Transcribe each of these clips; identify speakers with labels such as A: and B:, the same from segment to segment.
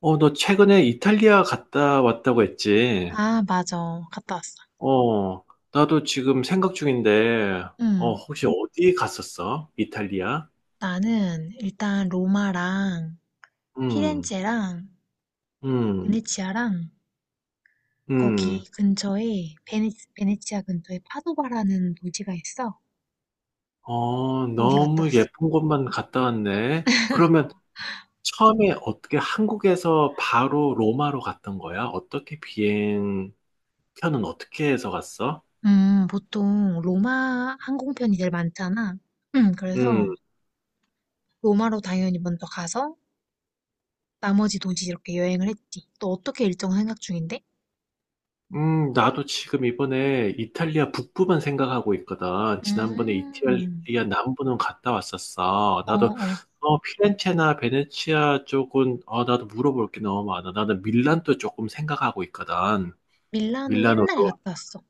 A: 너 최근에 이탈리아 갔다 왔다고 했지?
B: 아, 맞아. 갔다 왔어.
A: 어, 나도 지금 생각 중인데,
B: 응.
A: 혹시 어디 갔었어? 이탈리아?
B: 나는 일단 로마랑
A: 음,
B: 피렌체랑
A: 음,
B: 베네치아랑
A: 음.
B: 거기 근처에 베네치아 근처에 파도바라는 도시가 있어. 거기 갔다
A: 너무
B: 왔어.
A: 예쁜 곳만 갔다 왔네. 그러면 처음에 어떻게 한국에서 바로 로마로 갔던 거야? 어떻게 해서 갔어?
B: 보통 로마 항공편이 제일 많잖아. 그래서
A: 음.
B: 로마로 당연히 먼저 가서 나머지 도시 이렇게 여행을 했지. 또 어떻게 일정 생각 중인데?
A: 나도 지금 이번에 이탈리아 북부만 생각하고 있거든. 지난번에
B: 음,
A: 이탈리아 남부는 갔다 왔었어.
B: 어,
A: 나도
B: 어.
A: 피렌체나 베네치아 쪽은 나도 물어볼 게 너무 많아. 나는 밀란도 조금 생각하고 있거든.
B: 밀라노
A: 밀라노도.
B: 옛날에 갔다 왔어.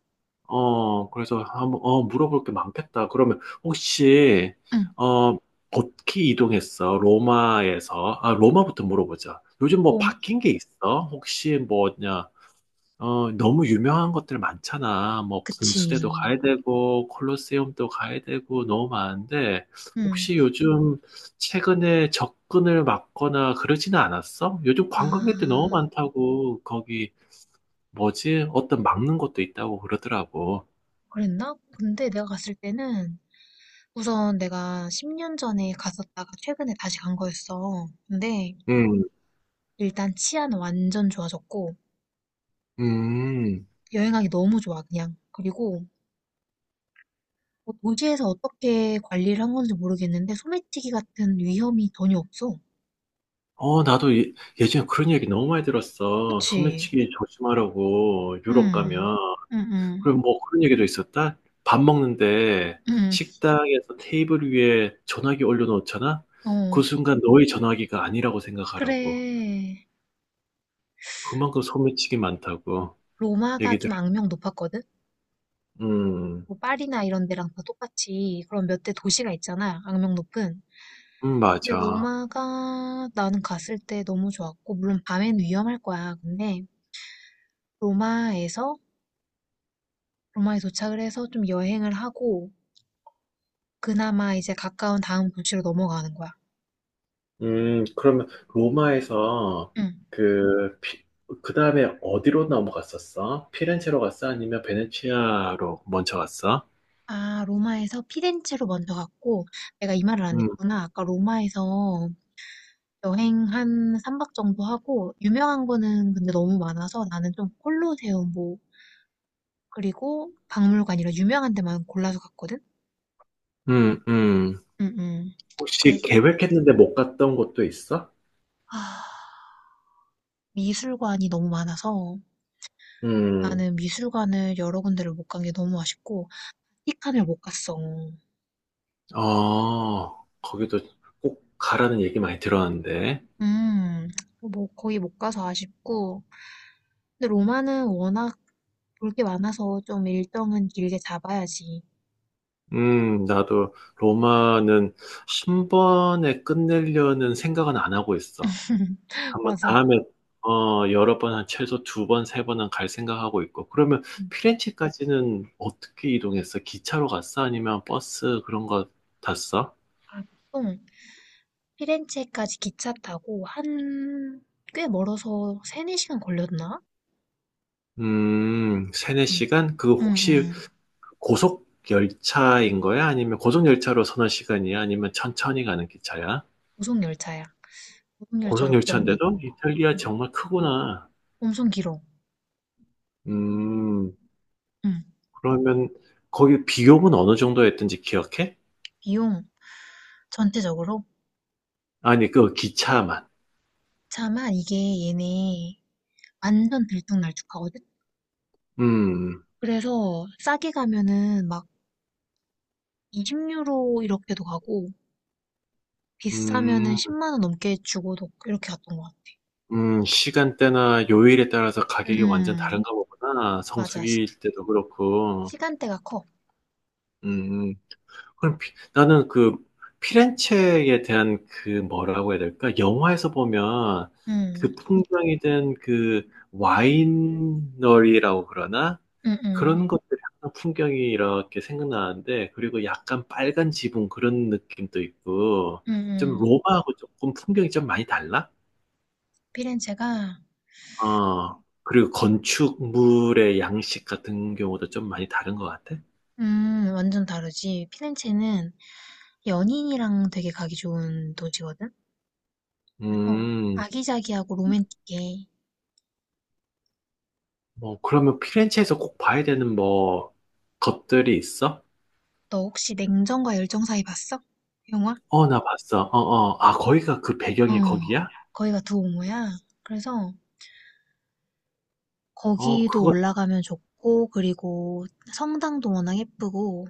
A: 그래서 한번 물어볼 게 많겠다. 그러면 혹시
B: 응.
A: 어, 어떻게 이동했어? 로마에서. 아, 로마부터 물어보자. 요즘 뭐
B: 롬,
A: 바뀐 게 있어? 혹시 뭐냐? 너무 유명한 것들 많잖아. 뭐, 분수대도
B: 그치.
A: 가야 되고, 콜로세움도 가야 되고, 너무 많은데,
B: 음.
A: 혹시 요즘 최근에 접근을 막거나 그러지는 않았어? 요즘 관광객들 너무
B: 아,
A: 많다고, 거기, 뭐지? 어떤 막는 것도 있다고 그러더라고.
B: 그랬나? 근데 내가 갔을 때는 우선 내가 10년 전에 갔었다가 최근에 다시 간 거였어. 근데
A: 음,
B: 일단 치안 완전 좋아졌고
A: 음.
B: 여행하기 너무 좋아, 그냥. 그리고 뭐 도시에서 어떻게 관리를 한 건지 모르겠는데 소매치기 같은 위험이 전혀 없어.
A: 나도 예전에 그런 얘기 너무 많이 들었어.
B: 그치?
A: 소매치기 조심하라고, 유럽
B: 음,
A: 가면.
B: 음, 음,
A: 그리고 뭐 그런 얘기도 있었다. 밥 먹는데
B: 음,
A: 식당에서 테이블 위에 전화기 올려놓잖아? 그
B: 어.
A: 순간 너의 전화기가 아니라고 생각하라고.
B: 그래.
A: 그만큼 소매치기 많다고.
B: 로마가
A: 얘기 들어.
B: 좀 악명 높았거든?
A: 음,
B: 뭐 파리나 이런 데랑 다 똑같이 그런 몇 대 도시가 있잖아, 악명 높은. 근데
A: 맞아.
B: 로마가 나는 갔을 때 너무 좋았고, 물론 밤엔 위험할 거야. 근데 로마에서, 로마에 도착을 해서 좀 여행을 하고, 그나마 이제 가까운 다음 도시로 넘어가는 거야.
A: 그러면 로마에서
B: 응.
A: 그, 피, 그 다음에 어디로 넘어갔었어? 피렌체로 갔어? 아니면 베네치아로 먼저 갔어?
B: 아, 로마에서 피렌체로 먼저 갔고, 내가 이 말을 안
A: 음,
B: 했구나. 아까 로마에서 여행 한 3박 정도 하고, 유명한 거는 근데 너무 많아서 나는 좀 콜로세움, 뭐, 그리고 박물관이라 유명한 데만 골라서 갔거든?
A: 음, 음.
B: 응응. 그래,
A: 혹시 계획했는데 못 갔던 곳도 있어?
B: 아, 미술관이 너무 많아서
A: 음.
B: 나는 미술관을 여러 군데를 못 간 게 너무 아쉽고, 티칸을 못 갔어.
A: 거기도 꼭 가라는 얘기 많이 들었는데.
B: 음, 뭐 거의 못 가서 아쉽고. 근데 로마는 워낙 볼 게 많아서 좀 일정은 길게 잡아야지.
A: 나도 로마는 한 번에 끝내려는 생각은 안 하고 있어. 한번
B: 맞아.
A: 다음에, 여러 번, 한 최소 두 번, 세 번은 갈 생각하고 있고. 그러면
B: 음.
A: 피렌체까지는 어떻게 이동했어? 기차로 갔어? 아니면 버스 그런 거 탔어?
B: 아, 보통 피렌체까지 기차 타고 한 꽤 멀어서 세네 시간 걸렸나?
A: 세네
B: 응,
A: 시간? 그
B: 응,
A: 혹시
B: 응.
A: 고속 열차인 거야? 아니면 고속 열차로 서너 시간이야? 아니면 천천히 가는 기차야?
B: 고속열차야.
A: 고속
B: 고속열차로 그
A: 열차인데도?
B: 정도였던 거야.
A: 이탈리아
B: 응.
A: 정말 크구나.
B: 엄청 길어.
A: 음,
B: 음.
A: 그러면 거기 비용은 어느 정도였던지 기억해?
B: 비용 전체적으로.
A: 아니, 그 기차만.
B: 차만 이게 얘네 완전 들쭉날쭉하거든?
A: 음,
B: 그래서 싸게 가면은 막 20유로 이렇게도 가고
A: 음,
B: 비싸면은 10만 원 넘게 주고도 이렇게 갔던 것 같아.
A: 시간대나 요일에 따라서 가격이 완전
B: 음,
A: 다른가 보구나.
B: 맞아.
A: 성수기일 때도 그렇고.
B: 시간대가 커.
A: 음. 그럼 나는 그 피렌체에 대한 그 뭐라고 해야 될까? 영화에서 보면
B: 음,
A: 그 풍경이 된 그 와이너리라고 그러나?
B: 음, 음,
A: 그런 것들이 항상 풍경이 이렇게 생각나는데 그리고 약간 빨간 지붕 그런 느낌도 있고
B: 음,
A: 좀
B: 음.
A: 로마하고 조금 풍경이 좀 많이 달라?
B: 피렌체가.
A: 그리고 건축물의 양식 같은 경우도 좀 많이 다른 것 같아?
B: 완전 다르지. 피렌체는 연인이랑 되게 가기 좋은 도시거든? 그래서
A: 음.
B: 아기자기하고 로맨틱해.
A: 뭐, 그러면 피렌체에서 꼭 봐야 되는 뭐, 것들이 있어?
B: 너 혹시 냉정과 열정 사이 봤어? 영화?
A: 어, 나 봤어. 어, 어. 아, 거기가 그
B: 어,
A: 배경이 거기야?
B: 거기가 두 오모야. 그래서
A: 어,
B: 거기도
A: 그거,
B: 올라가면 좋고, 그리고 성당도 워낙 예쁘고.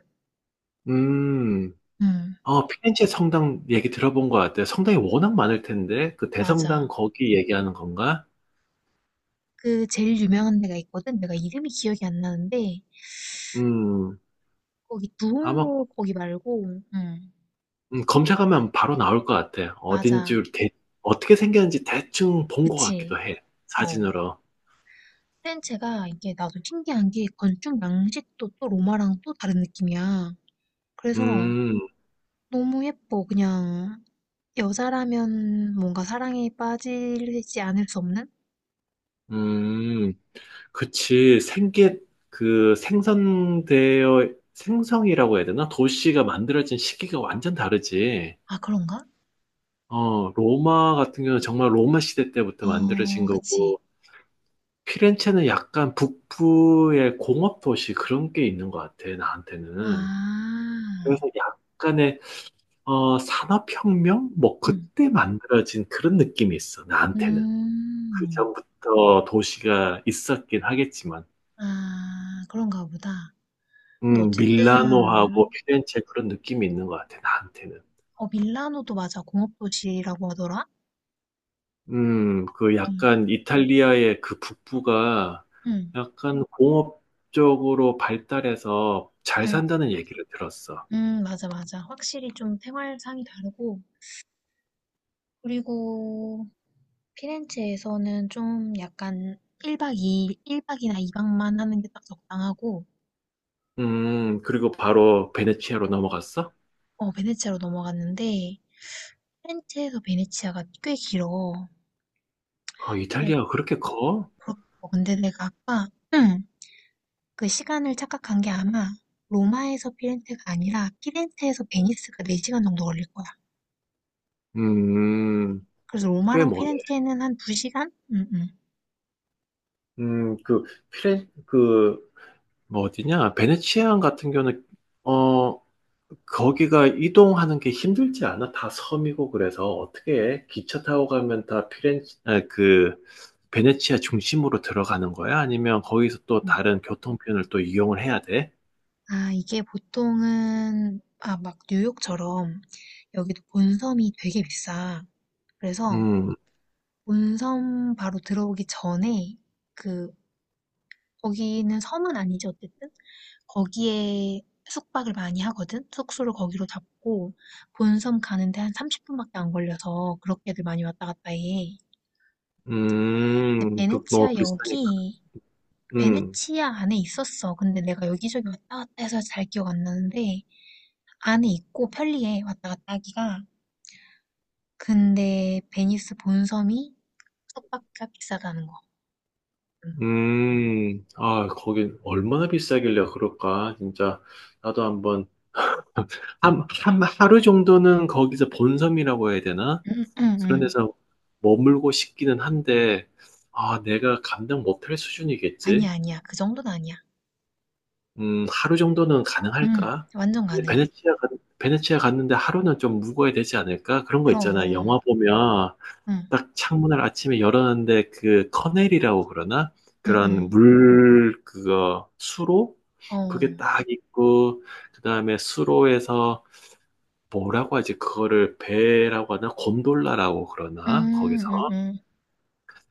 A: 음.
B: 음,
A: 피렌체 성당 얘기 들어본 것 같아. 성당이 워낙 많을 텐데, 그 대성당
B: 맞아.
A: 거기 얘기하는 건가?
B: 그 제일 유명한 데가 있거든? 내가 이름이 기억이 안 나는데,
A: 음,
B: 거기 두
A: 아마,
B: 오모 거기 말고. 음,
A: 검색하면 바로 나올 것 같아.
B: 맞아.
A: 어딘지, 어떻게 생겼는지 대충 본 것
B: 그치.
A: 같기도 해.
B: 어.
A: 사진으로.
B: 피렌체가 이게 나도 신기한 게 건축 양식도 또 로마랑 또 다른 느낌이야. 그래서
A: 음,
B: 너무 예뻐, 그냥. 여자라면 뭔가 사랑에 빠지지 않을 수 없는?
A: 음. 그치, 생성이라고 해야 되나? 도시가 만들어진 시기가 완전 다르지.
B: 아, 그런가?
A: 로마 같은 경우는 정말 로마 시대 때부터 만들어진
B: 어, 그치.
A: 거고, 피렌체는 약간 북부의 공업 도시 그런 게 있는 것 같아,
B: 아,
A: 나한테는. 그래서 약간의, 산업혁명? 뭐,
B: 음,
A: 그때 만들어진 그런 느낌이 있어, 나한테는. 그
B: 음,
A: 전부터 도시가 있었긴 하겠지만.
B: 아, 그런가 보다. 근데
A: 밀라노하고
B: 어쨌든,
A: 피렌체 그런 느낌이 있는 것 같아, 나한테는.
B: 밀라노도 맞아. 공업도시라고 하더라?
A: 그
B: 음,
A: 약간 이탈리아의 그 북부가
B: 음,
A: 약간 공업적으로 발달해서 잘
B: 음,
A: 산다는 얘기를 들었어.
B: 맞아, 맞아. 확실히 좀 생활상이 다르고, 그리고 피렌체에서는 좀 약간 1박 2일, 박이나 2박만 하는 게 딱 적당하고.
A: 그리고 바로 베네치아로 넘어갔어?
B: 어, 베네치아로 넘어갔는데 프렌체에서 베네치아가 꽤 길어.
A: 아,
B: 네,
A: 이탈리아가 그렇게 커?
B: 근데 내가 아까 응, 그 시간을 착각한 게 아마 로마에서 피렌체가 아니라 피렌체에서 베니스가 4시간 정도 걸릴 거야.
A: 음,
B: 그래서
A: 꽤
B: 로마랑
A: 머네.
B: 피렌체는 한 2시간? 응, 응.
A: 음, 그, 피렌, 그, 뭐 어디냐? 베네치아 같은 경우는, 어, 거기가 이동하는 게 힘들지 않아? 다 섬이고 그래서 어떻게 기차 타고 가면 다 피렌체 아, 그 베네치아 중심으로 들어가는 거야? 아니면 거기서 또
B: 응.
A: 다른 교통편을 또 이용을 해야 돼?
B: 아, 이게 보통은 막 뉴욕처럼 여기도 본섬이 되게 비싸. 그래서
A: 음,
B: 본섬 바로 들어오기 전에 그 거기는 섬은 아니지, 어쨌든. 거기에 숙박을 많이 하거든? 숙소를 거기로 잡고, 본섬 가는데 한 30분밖에 안 걸려서 그렇게들 많이 왔다 갔다 해. 근데
A: 그 뭐
B: 베네치아
A: 비싸니까.
B: 역이,
A: 음,
B: 베네치아 안에 있었어. 근데 내가 여기저기 왔다 갔다 해서 잘 기억 안 나는데, 안에 있고 편리해, 왔다 갔다 하기가. 근데 베니스 본섬이 숙박비가 비싸다는 거. 음.
A: 아, 거긴 얼마나 비싸길래 그럴까? 진짜 나도 한번 하루 정도는 거기서 본섬이라고 해야 되나?
B: 음, 음,
A: 그런
B: 음.
A: 데서 머물고 싶기는 한데, 아, 내가 감당 못할 수준이겠지?
B: 아니야, 아니야. 그 정도는 아니야.
A: 하루 정도는
B: 음,
A: 가능할까?
B: 완전
A: 근데
B: 가능해.
A: 베네치아 갔는데 하루는 좀 묵어야 되지 않을까? 그런 거 있잖아.
B: 그럼.
A: 영화 보면
B: 응.
A: 딱 창문을 아침에 열었는데 그 커넬이라고 그러나? 그런
B: 응응.
A: 물, 그거, 수로?
B: 어.
A: 그게 딱 있고, 그 다음에 수로에서 뭐라고 하지? 그거를 배라고 하나? 곤돌라라고 그러나?
B: 음.
A: 거기서
B: 음음.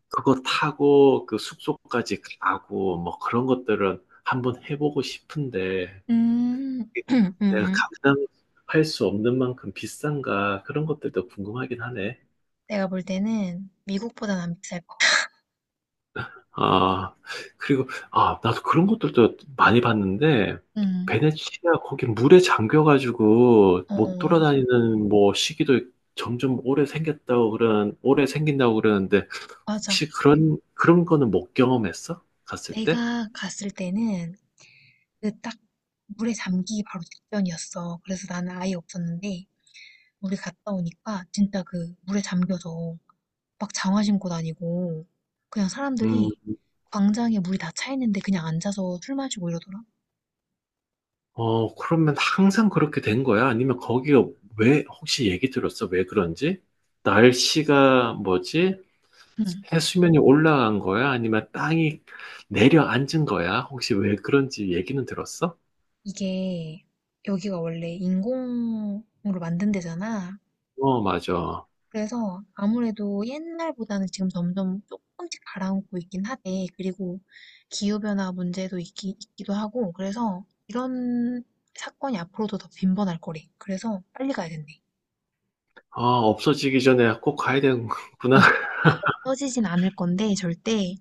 A: 그거 타고 그 숙소까지 가고 뭐 그런 것들은 한번 해보고 싶은데
B: 음.
A: 내가
B: 음음.
A: 감당할 수 없는 만큼 비싼가? 그런 것들도 궁금하긴 하네.
B: 내가 볼 때는 미국보단 안 비쌀 거야.
A: 아, 그리고, 나도 그런 것들도 많이 봤는데,
B: 음.
A: 베네치아 거기 물에 잠겨가지고 못
B: 어.
A: 돌아다니는 뭐 시기도 점점 오래 생긴다고 그러는데,
B: 맞아.
A: 혹시 그런 거는 못 경험했어? 갔을 때?
B: 내가 갔을 때는 그 딱 물에 잠기기 바로 직전이었어. 그래서 나는 아예 없었는데 우리 갔다 오니까 진짜 그 물에 잠겨서 막 장화 신고 다니고 그냥
A: 음,
B: 사람들이 광장에 물이 다 차 있는데 그냥 앉아서 술 마시고 이러더라.
A: 그러면 항상 그렇게 된 거야? 아니면 거기가 왜, 혹시 얘기 들었어? 왜 그런지? 날씨가 뭐지?
B: 응.
A: 해수면이 올라간 거야? 아니면 땅이 내려앉은 거야? 혹시 왜 그런지 얘기는 들었어?
B: 이게 여기가 원래 인공으로 만든 데잖아.
A: 어, 맞아.
B: 그래서 아무래도 옛날보다는 지금 점점 조금씩 가라앉고 있긴 하대. 그리고 기후변화 문제도 있기도 하고. 그래서 이런 사건이 앞으로도 더 빈번할 거래. 그래서 빨리 가야 된대.
A: 아, 없어지기 전에 꼭 가야 되는구나.
B: 어, 없어지진 않을 건데 절대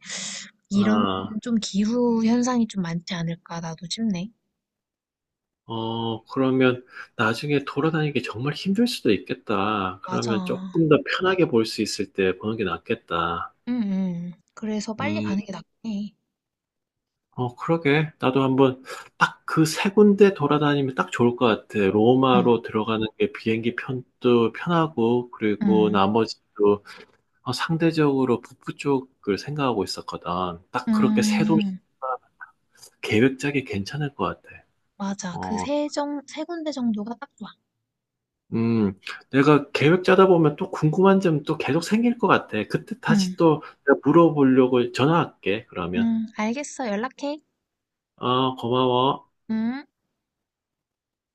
B: 이런
A: 아,
B: 좀 기후 현상이 좀 많지 않을까 나도 싶네.
A: 그러면 나중에 돌아다니기 정말 힘들 수도 있겠다.
B: 맞아.
A: 그러면 조금 더 편하게 볼 수 있을 때 보는 게 낫겠다.
B: 응, 응. 그래서 빨리
A: 음,
B: 가는 게 낫긴 해.
A: 그러게. 나도 한번 딱 그 세 군데 돌아다니면 딱 좋을 것 같아.
B: 응,
A: 로마로 들어가는 게 비행기 편도 편하고, 그리고
B: 응.
A: 나머지 도 상대적으로 북부 쪽을 생각하고 있었거든. 딱 그렇게 세 도시가
B: 음.
A: 계획 짜기 괜찮을 것 같아.
B: 맞아. 그
A: 어,
B: 세 군데 정도가 딱 좋아.
A: 음, 내가 계획 짜다 보면 또 궁금한 점 또 계속 생길 것 같아. 그때
B: 응.
A: 다시 또 내가 물어보려고 전화할게, 그러면.
B: 응. 알겠어. 연락해.
A: 고마워.
B: 응.